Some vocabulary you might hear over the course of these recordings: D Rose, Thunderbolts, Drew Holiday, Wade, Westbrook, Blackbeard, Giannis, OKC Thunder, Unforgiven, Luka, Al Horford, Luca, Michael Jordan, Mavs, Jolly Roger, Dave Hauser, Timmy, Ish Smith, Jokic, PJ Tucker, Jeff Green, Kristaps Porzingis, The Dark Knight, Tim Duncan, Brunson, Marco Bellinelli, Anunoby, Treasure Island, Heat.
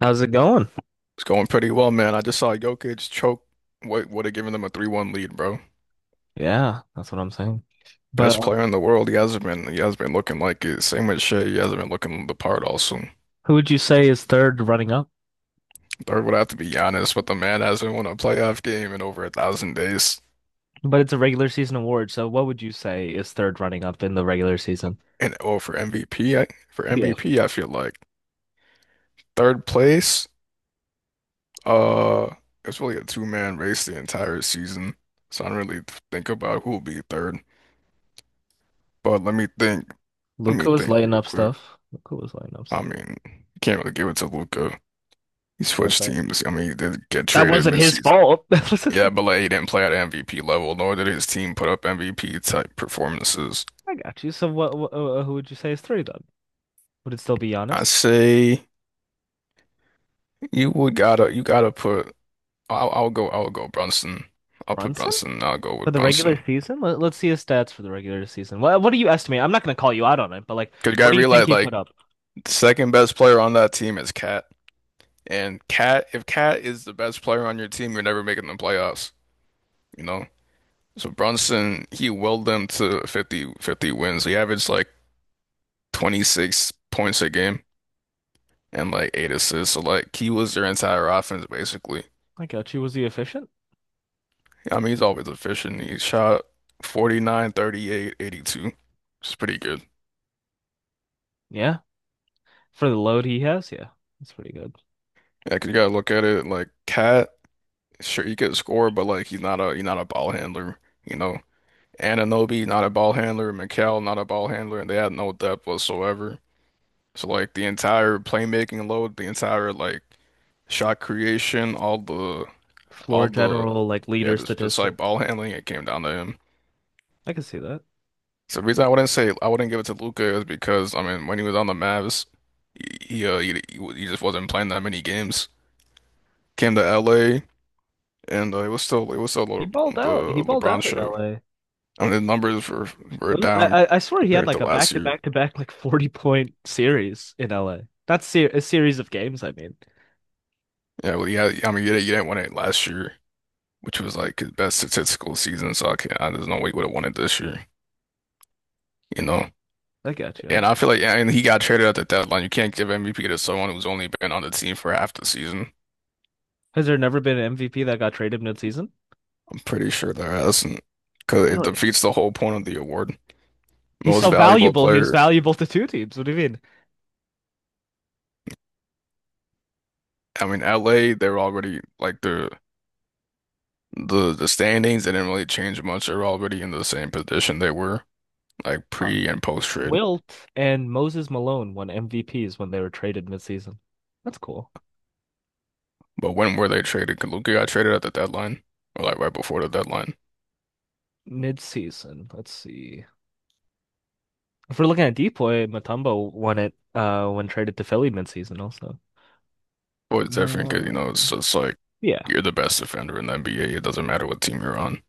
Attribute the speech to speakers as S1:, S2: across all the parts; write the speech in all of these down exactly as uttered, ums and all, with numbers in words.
S1: How's it going?
S2: It's going pretty well, man. I just saw Jokic choke what would have given them a three one lead, bro.
S1: Yeah, that's what I'm saying. But
S2: Best
S1: uh,
S2: player in the world. He hasn't been he hasn't been looking like it. Same with Shea. He hasn't been looking the part also.
S1: Who would you say is third running up?
S2: Third would have to be Giannis, but the man hasn't won a playoff game in over a thousand days.
S1: But it's a regular season award, so what would you say is third running up in the regular season?
S2: And oh, for M V P, for
S1: Yeah.
S2: MVP, I feel like third place, uh it's really a two-man race the entire season. So I don't really think about who will be third. But let me think. Let me
S1: Luka was
S2: think
S1: lighting
S2: real
S1: up
S2: quick.
S1: stuff. Luka was lighting up
S2: I
S1: stuff.
S2: mean, you can't really give it to Luca. He
S1: Like
S2: switched
S1: that.
S2: teams. I mean, he did get
S1: That
S2: traded
S1: wasn't his
S2: midseason.
S1: fault. That wasn't
S2: Yeah,
S1: like,
S2: but like he didn't play at M V P level, nor did his team put up M V P type performances.
S1: I got you. So what, what uh, who would you say is three then? Would it still be
S2: I
S1: Giannis?
S2: say you would gotta you gotta put. I'll, I'll go. I'll go Brunson. I'll put
S1: Brunson?
S2: Brunson. I'll go
S1: For
S2: with
S1: the
S2: Brunson.
S1: regular season? Let, let's see his stats for the regular season. What what do you estimate? I'm not gonna call you out on it, but like
S2: Cause you
S1: what
S2: gotta
S1: do you think
S2: realize
S1: he put
S2: like
S1: up?
S2: the second best player on that team is Cat. And Cat, if Cat is the best player on your team, you're never making the playoffs. You know. So Brunson, he willed them to fifty fifty wins. He averaged like twenty-six points a game and like eight assists. So like he was their entire offense basically.
S1: I got you. Was he efficient?
S2: I mean, he's always efficient. He shot forty-nine, thirty-eight, eighty-two. It's pretty good.
S1: Yeah. For the load he has, yeah. That's pretty good.
S2: Yeah, 'cause you gotta look at it like Cat, sure he could score, but like he's not a he's not a ball handler, you know. Anunoby, not a ball handler, Mikal, not a ball handler, and they had no depth whatsoever. So like the entire playmaking load, the entire like shot creation, all the
S1: Floor
S2: all the
S1: general, like
S2: yeah,
S1: leader
S2: just just like ball
S1: statistics.
S2: handling, it came down to him.
S1: I can see that.
S2: So the reason I wouldn't say I wouldn't give it to Luca is because I mean when he was on the Mavs, he uh, he, he, he just wasn't playing that many games. Came to L A and uh, it was still it was still
S1: He
S2: Le
S1: balled out. He
S2: the
S1: balled
S2: LeBron
S1: out in
S2: show.
S1: L A. It
S2: I mean the numbers were were
S1: was- I,
S2: down
S1: I I swear he had
S2: compared
S1: like
S2: to
S1: a back
S2: last
S1: to
S2: year.
S1: back to back like forty point series in L A. Not ser a series of games, I mean.
S2: Yeah, well, yeah. I mean you didn't, you didn't win it last year, which was like his best statistical season. So I can't, I, there's no way he would have won it this year. You know,
S1: I got you. I
S2: and
S1: got.
S2: I feel like and he got traded at the deadline. You can't give M V P to someone who's only been on the team for half the season.
S1: Has there never been an M V P that got traded mid-season?
S2: I'm pretty sure there hasn't, because it
S1: Really?
S2: defeats the whole point of the award.
S1: He's
S2: Most
S1: so
S2: valuable
S1: valuable. He was
S2: player.
S1: valuable to two teams. What do you mean?
S2: I mean, L A, they're already like the the the standings. They didn't really change much. They're already in the same position they were like
S1: Huh.
S2: pre and post trade.
S1: Wilt and Moses Malone won M V Ps when they were traded mid-season. That's cool.
S2: But when were they traded? 'Cause Luka got traded at the deadline, or like right before the deadline.
S1: Mid-season. Let's see. If we're looking at Depoy, Mutombo won it uh when traded to Philly mid-season also.
S2: Well, it's different because you know it's
S1: Um,
S2: just like
S1: Yeah,
S2: you're the best defender in the N B A. It doesn't matter what team you're on.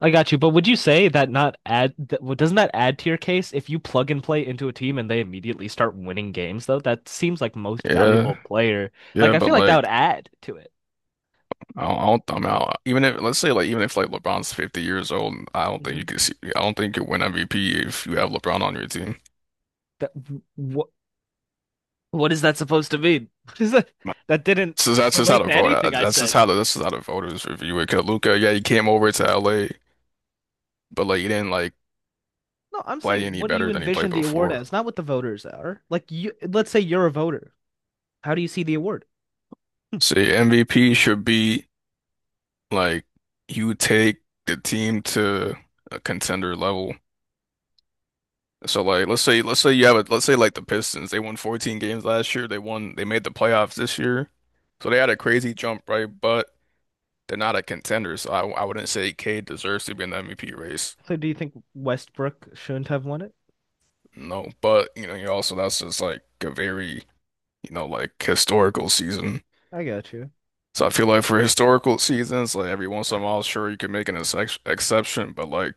S1: I got you. But would you say that not add that, well, doesn't that add to your case if you plug and play into a team and they immediately start winning games though? That seems like most
S2: Yeah,
S1: valuable player.
S2: yeah,
S1: Like I
S2: but
S1: feel like that
S2: like
S1: would add to it.
S2: I don't, I don't, I mean, I, even if let's say like even if like LeBron's fifty years old, I don't think you
S1: Mhm.
S2: can see, I don't think you win M V P if you have LeBron on your team.
S1: That what what is that supposed to mean? What is that? That didn't
S2: So that's just how
S1: relate
S2: the
S1: to
S2: vote. uh,
S1: anything I
S2: That's just
S1: said.
S2: how the this is how the voters review it. 'Cause Luka, yeah, he came over to L A, but like he didn't like
S1: No, I'm
S2: play
S1: saying
S2: any
S1: what do you
S2: better than he played
S1: envision the award
S2: before.
S1: as? Not what the voters are. Like you, let's say you're a voter. How do you see the award? Hmm.
S2: So yeah, M V P should be. Like you take the team to a contender level. So like let's say let's say you have a let's say like the Pistons. They won fourteen games last year. They won they made the playoffs this year. So they had a crazy jump, right? But they're not a contender. So I I wouldn't say Cade deserves to be in the M V P race.
S1: So do you think Westbrook shouldn't have won it?
S2: No, but you know, you also that's just like a very, you know, like historical season.
S1: I got you.
S2: So I feel like for historical seasons, like every once in a while, sure you can make an ex exception, but like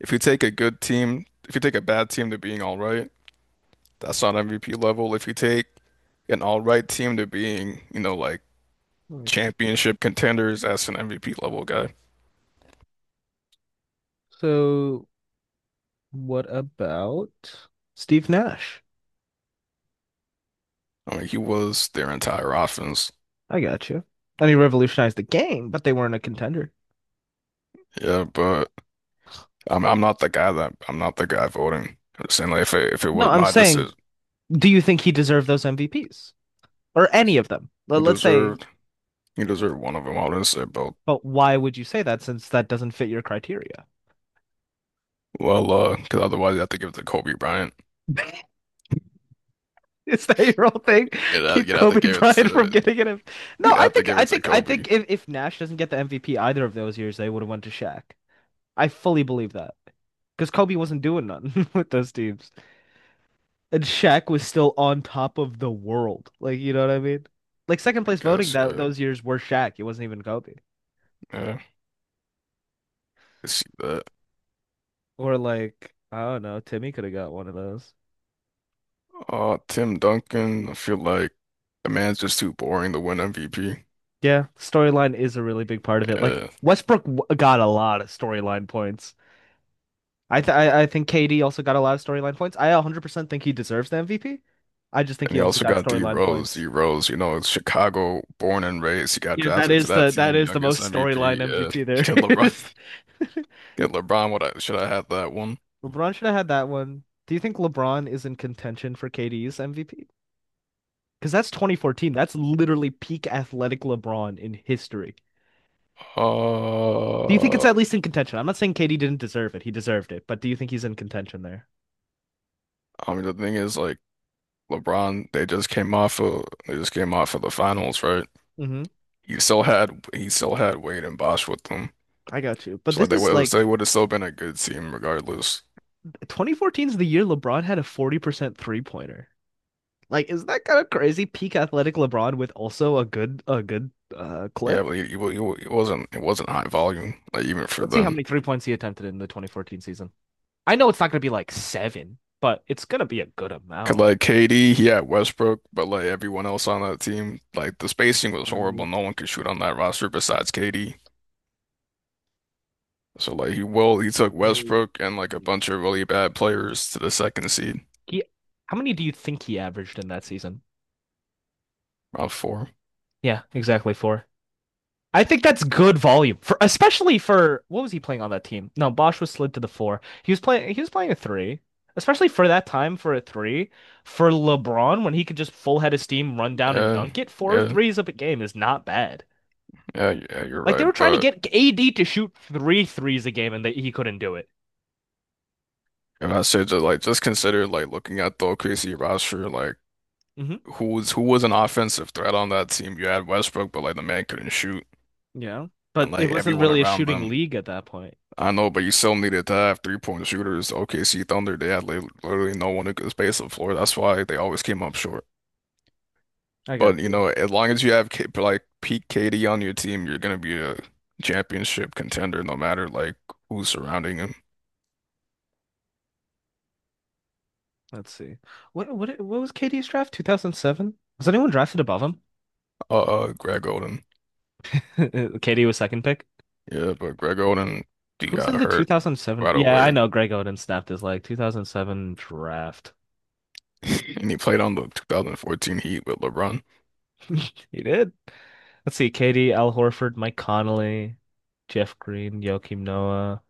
S2: if you take a good team, if you take a bad team to being all right, that's not M V P level. If you take an all right team to being, you know, like
S1: Let me think.
S2: championship contenders, that's an M V P level guy.
S1: So what about Steve Nash?
S2: I mean, he was their entire offense.
S1: I got you. And he revolutionized the game, but they weren't a contender.
S2: Yeah, but I'm I'm not the guy that I'm not the guy voting. I'm just saying like if it, if it
S1: No,
S2: was
S1: I'm
S2: my decision,
S1: saying, do you think he deserved those M V Ps or any of them? Let-
S2: he
S1: Let's say.
S2: deserved he deserved one of them. I wouldn't say both.
S1: But why would you say that since that doesn't fit your criteria?
S2: Well, uh, because otherwise you have to give it to Kobe Bryant.
S1: Is that your whole thing?
S2: You'd have,
S1: Keep
S2: you'd have to
S1: Kobe
S2: give it
S1: Bryant from
S2: to
S1: getting it. No,
S2: You'd
S1: I
S2: have to
S1: think
S2: give
S1: I
S2: it to
S1: think I
S2: Kobe,
S1: think if, if Nash doesn't get the M V P either of those years, they would have went to Shaq. I fully believe that. Because Kobe wasn't doing nothing with those teams. And Shaq was still on top of the world. Like, you know what I mean? Like
S2: I
S1: second place voting
S2: guess.
S1: that
S2: Yeah,
S1: those years were Shaq. It wasn't even Kobe.
S2: yeah, I can see that.
S1: Or like, I don't know, Timmy could have got one of those.
S2: Uh, Tim Duncan, I feel like the man's just too boring to win M V P.
S1: Yeah, storyline is a really big part of it. Like
S2: Yeah,
S1: Westbrook w- got a lot of storyline points. I th I, I think K D also got a lot of storyline points. I one hundred percent think he deserves the M V P. I just think
S2: and
S1: he
S2: you
S1: also
S2: also
S1: got
S2: got D
S1: storyline
S2: Rose.
S1: points.
S2: D Rose, you know, Chicago, born and raised. He got
S1: Yeah, that
S2: drafted to
S1: is
S2: that
S1: the that
S2: team,
S1: is the
S2: youngest
S1: most
S2: M V P.
S1: storyline
S2: Yeah,
S1: M V P there
S2: get LeBron.
S1: is.
S2: Get LeBron. What I should I have that one?
S1: LeBron should have had that one. Do you think LeBron is in contention for K D's M V P? Because that's twenty fourteen. That's literally peak athletic LeBron in history. Do you think it's
S2: Uh,
S1: at least in contention? I'm not saying K D didn't deserve it. He deserved it, but do you think he's in contention there?
S2: I mean, the thing is, like LeBron, they just came off of they just came off of the finals, right?
S1: Hmm.
S2: He still had he still had Wade and Bosch with them,
S1: I got you. But
S2: so
S1: this
S2: like they
S1: is
S2: would so they
S1: like
S2: would have still been a good team regardless.
S1: two thousand fourteen is the year LeBron had a forty percent three pointer. Like, is that kind of crazy? Peak athletic LeBron with also a good a good uh
S2: Yeah,
S1: clip.
S2: but he, he, wa- he wa- it wasn't it wasn't high volume like even for
S1: Let's see how
S2: them.
S1: many three points he attempted in the twenty fourteen season. I know it's not gonna be like seven, but it's gonna be a good
S2: 'Cause
S1: amount.
S2: like K D, he had Westbrook, but like everyone else on that team, like the spacing was horrible.
S1: Um,
S2: No one could shoot on that roster besides K D. So like he will he took
S1: uh,
S2: Westbrook and like a bunch of really bad players to the second seed,
S1: He, how many do you think he averaged in that season?
S2: round four.
S1: Yeah, exactly four. I think that's good volume for especially for what was he playing on that team? No, Bosch was slid to the four. He was playing he was playing a three. Especially for that time for a three. For LeBron, when he could just full head of steam, run down and
S2: Yeah,
S1: dunk it, four
S2: yeah,
S1: threes a game is not bad.
S2: yeah, yeah. You're
S1: Like they
S2: right,
S1: were trying to
S2: but.
S1: get A D to shoot three threes a game and they, he couldn't do it.
S2: If I said just like just consider like looking at the O K C roster, like
S1: Hmm.
S2: who was who was an offensive threat on that team. You had Westbrook, but like the man couldn't shoot,
S1: You know?
S2: and
S1: But it
S2: like
S1: wasn't
S2: everyone
S1: really a
S2: around
S1: shooting
S2: them.
S1: league at that point.
S2: I know, but you still needed to have three point shooters. O K C Thunder, they had li- literally no one who could space the floor. That's why they always came up short.
S1: I got
S2: But you
S1: you.
S2: know, as long as you have K like peak K D on your team, you're gonna be a championship contender, no matter like who's surrounding him.
S1: Let's see. What what what was K D's draft? two thousand seven? Was anyone drafted above him?
S2: Uh, uh Greg Oden,
S1: K D was second pick.
S2: yeah, but Greg Oden, he
S1: Who's
S2: got
S1: in the
S2: hurt
S1: two thousand seven?
S2: right
S1: Yeah, I
S2: away,
S1: know Greg Oden snapped his leg. two thousand seven draft.
S2: and he played on the twenty fourteen Heat with LeBron.
S1: He did. Let's see. K D, Al Horford, Mike Conley, Jeff Green, Joakim Noah,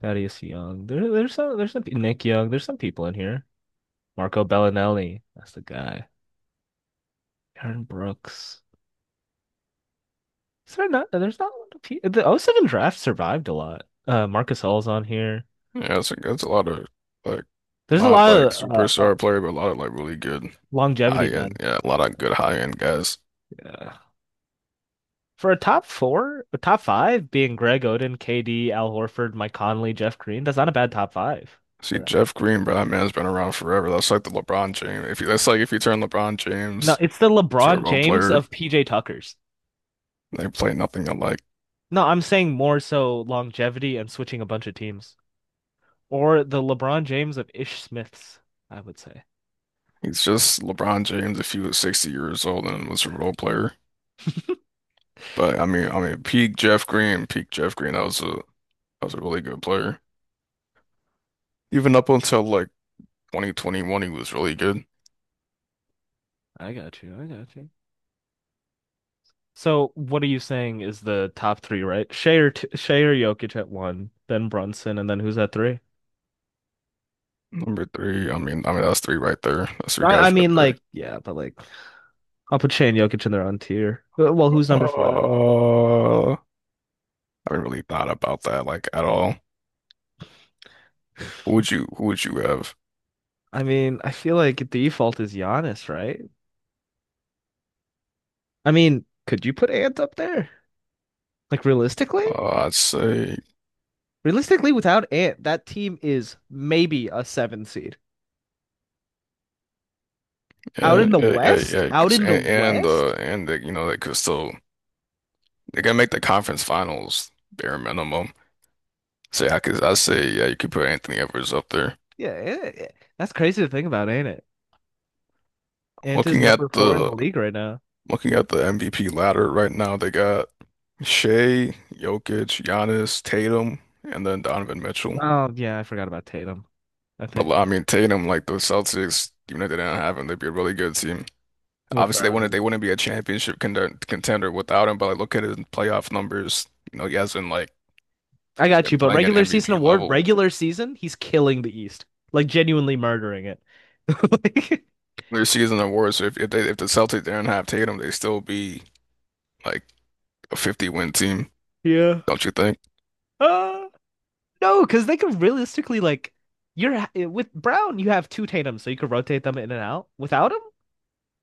S1: Thaddeus Young. There, there's some, there's some, Nick Young. There's some people in here. Marco Bellinelli. That's the guy. Aaron Brooks. Is there not, there's not a lot of people. The O seven draft survived a lot. Uh, Marcus All's on here.
S2: Yeah, that's a that's a lot of like
S1: There's a
S2: not
S1: lot
S2: like
S1: of uh, uh,
S2: superstar player, but a lot of like really good high
S1: longevity,
S2: end.
S1: man.
S2: Yeah, a lot of good high end guys.
S1: Yeah. For a top four, a top five being Greg Oden, K D, Al Horford, Mike Conley, Jeff Green, that's not a bad top five for
S2: See,
S1: that.
S2: Jeff Green, bro, that man's been around forever. That's like the LeBron James. If you, that's like if you turn LeBron
S1: No,
S2: James
S1: it's the
S2: to a
S1: LeBron
S2: role
S1: James
S2: player,
S1: of P J Tuckers.
S2: they play nothing alike.
S1: No, I'm saying more so longevity and switching a bunch of teams. Or the LeBron James of Ish Smiths, I would say.
S2: He's just LeBron James if he was sixty years old and was a role player. But I mean, I mean, peak Jeff Green, peak Jeff Green, that was a that was a really good player. Even up until like twenty twenty-one, he was really good.
S1: I got you. I got you. So what are you saying is the top three, right? Shea or, t Shea or Jokic at one, then Brunson, and then who's at three?
S2: Number three. I mean, I mean that's three right there. That's three
S1: I, I
S2: guys right
S1: mean,
S2: there.
S1: like, yeah, but like, I'll put Shea and Jokic in their own tier. Uh, Well, who's number four then?
S2: Uh, I haven't really thought about that like at all. Who would you who would you have?
S1: I mean, I feel like default is Giannis, right? I mean, could you put Ant up there? Like realistically?
S2: Uh, I'd say
S1: Realistically, without Ant, that team is maybe a seven seed. Out
S2: yeah,
S1: in the
S2: yeah, yeah,
S1: West?
S2: yeah.
S1: Out
S2: 'Cause-
S1: in the
S2: and and uh
S1: West?
S2: and the, you know they could still they can make the conference finals bare minimum. Say I could I say yeah you could put Anthony Edwards up there.
S1: Yeah, Ant- yeah. That's crazy to think about, ain't it? Ant is
S2: Looking at
S1: number four in the
S2: the
S1: league right now.
S2: Looking at the M V P ladder right now, they got Shea, Jokic, Giannis, Tatum, and then Donovan Mitchell.
S1: Oh, yeah, I forgot about Tatum. I think
S2: But I mean, Tatum, like those Celtics, even if they didn't have him, they'd be a really good team.
S1: with
S2: Obviously, they wouldn't
S1: Brown.
S2: they wouldn't be a championship contender, contender without him. But like, look at his playoff numbers. You know, he has been like
S1: I got
S2: been
S1: you, but
S2: playing at
S1: regular season
S2: M V P
S1: award,
S2: level.
S1: regular season, he's killing the East. Like genuinely murdering it. Like,
S2: Their season awards. So if if, they, if the Celtics didn't have Tatum, they'd still be like a fifty win team,
S1: yeah.
S2: don't you think?
S1: Ah. No, because they could realistically like you're ha- eh, with Brown, you have two Tatum, so you could rotate them in and out. Without him,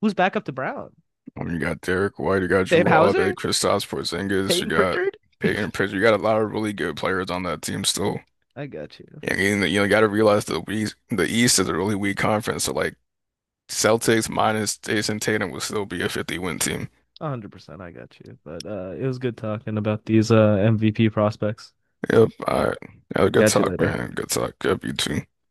S1: who's back up to Brown?
S2: I mean, you got Derek White, you got
S1: Dave
S2: Drew Holiday,
S1: Hauser,
S2: Kristaps Porzingis, you
S1: Peyton
S2: got
S1: Pritchard.
S2: Peyton Pritchard. You got a lot of really good players on that team still.
S1: I got you,
S2: And you know, you got to realize the East, the East is a really weak conference. So like Celtics minus Jason Tatum will still be a fifty win team.
S1: one hundred percent. I got you. But uh, it was good talking about these uh M V P prospects.
S2: Yep. All right. Yeah, good
S1: Got you
S2: talk,
S1: later.
S2: man. Good talk. Yep, you too.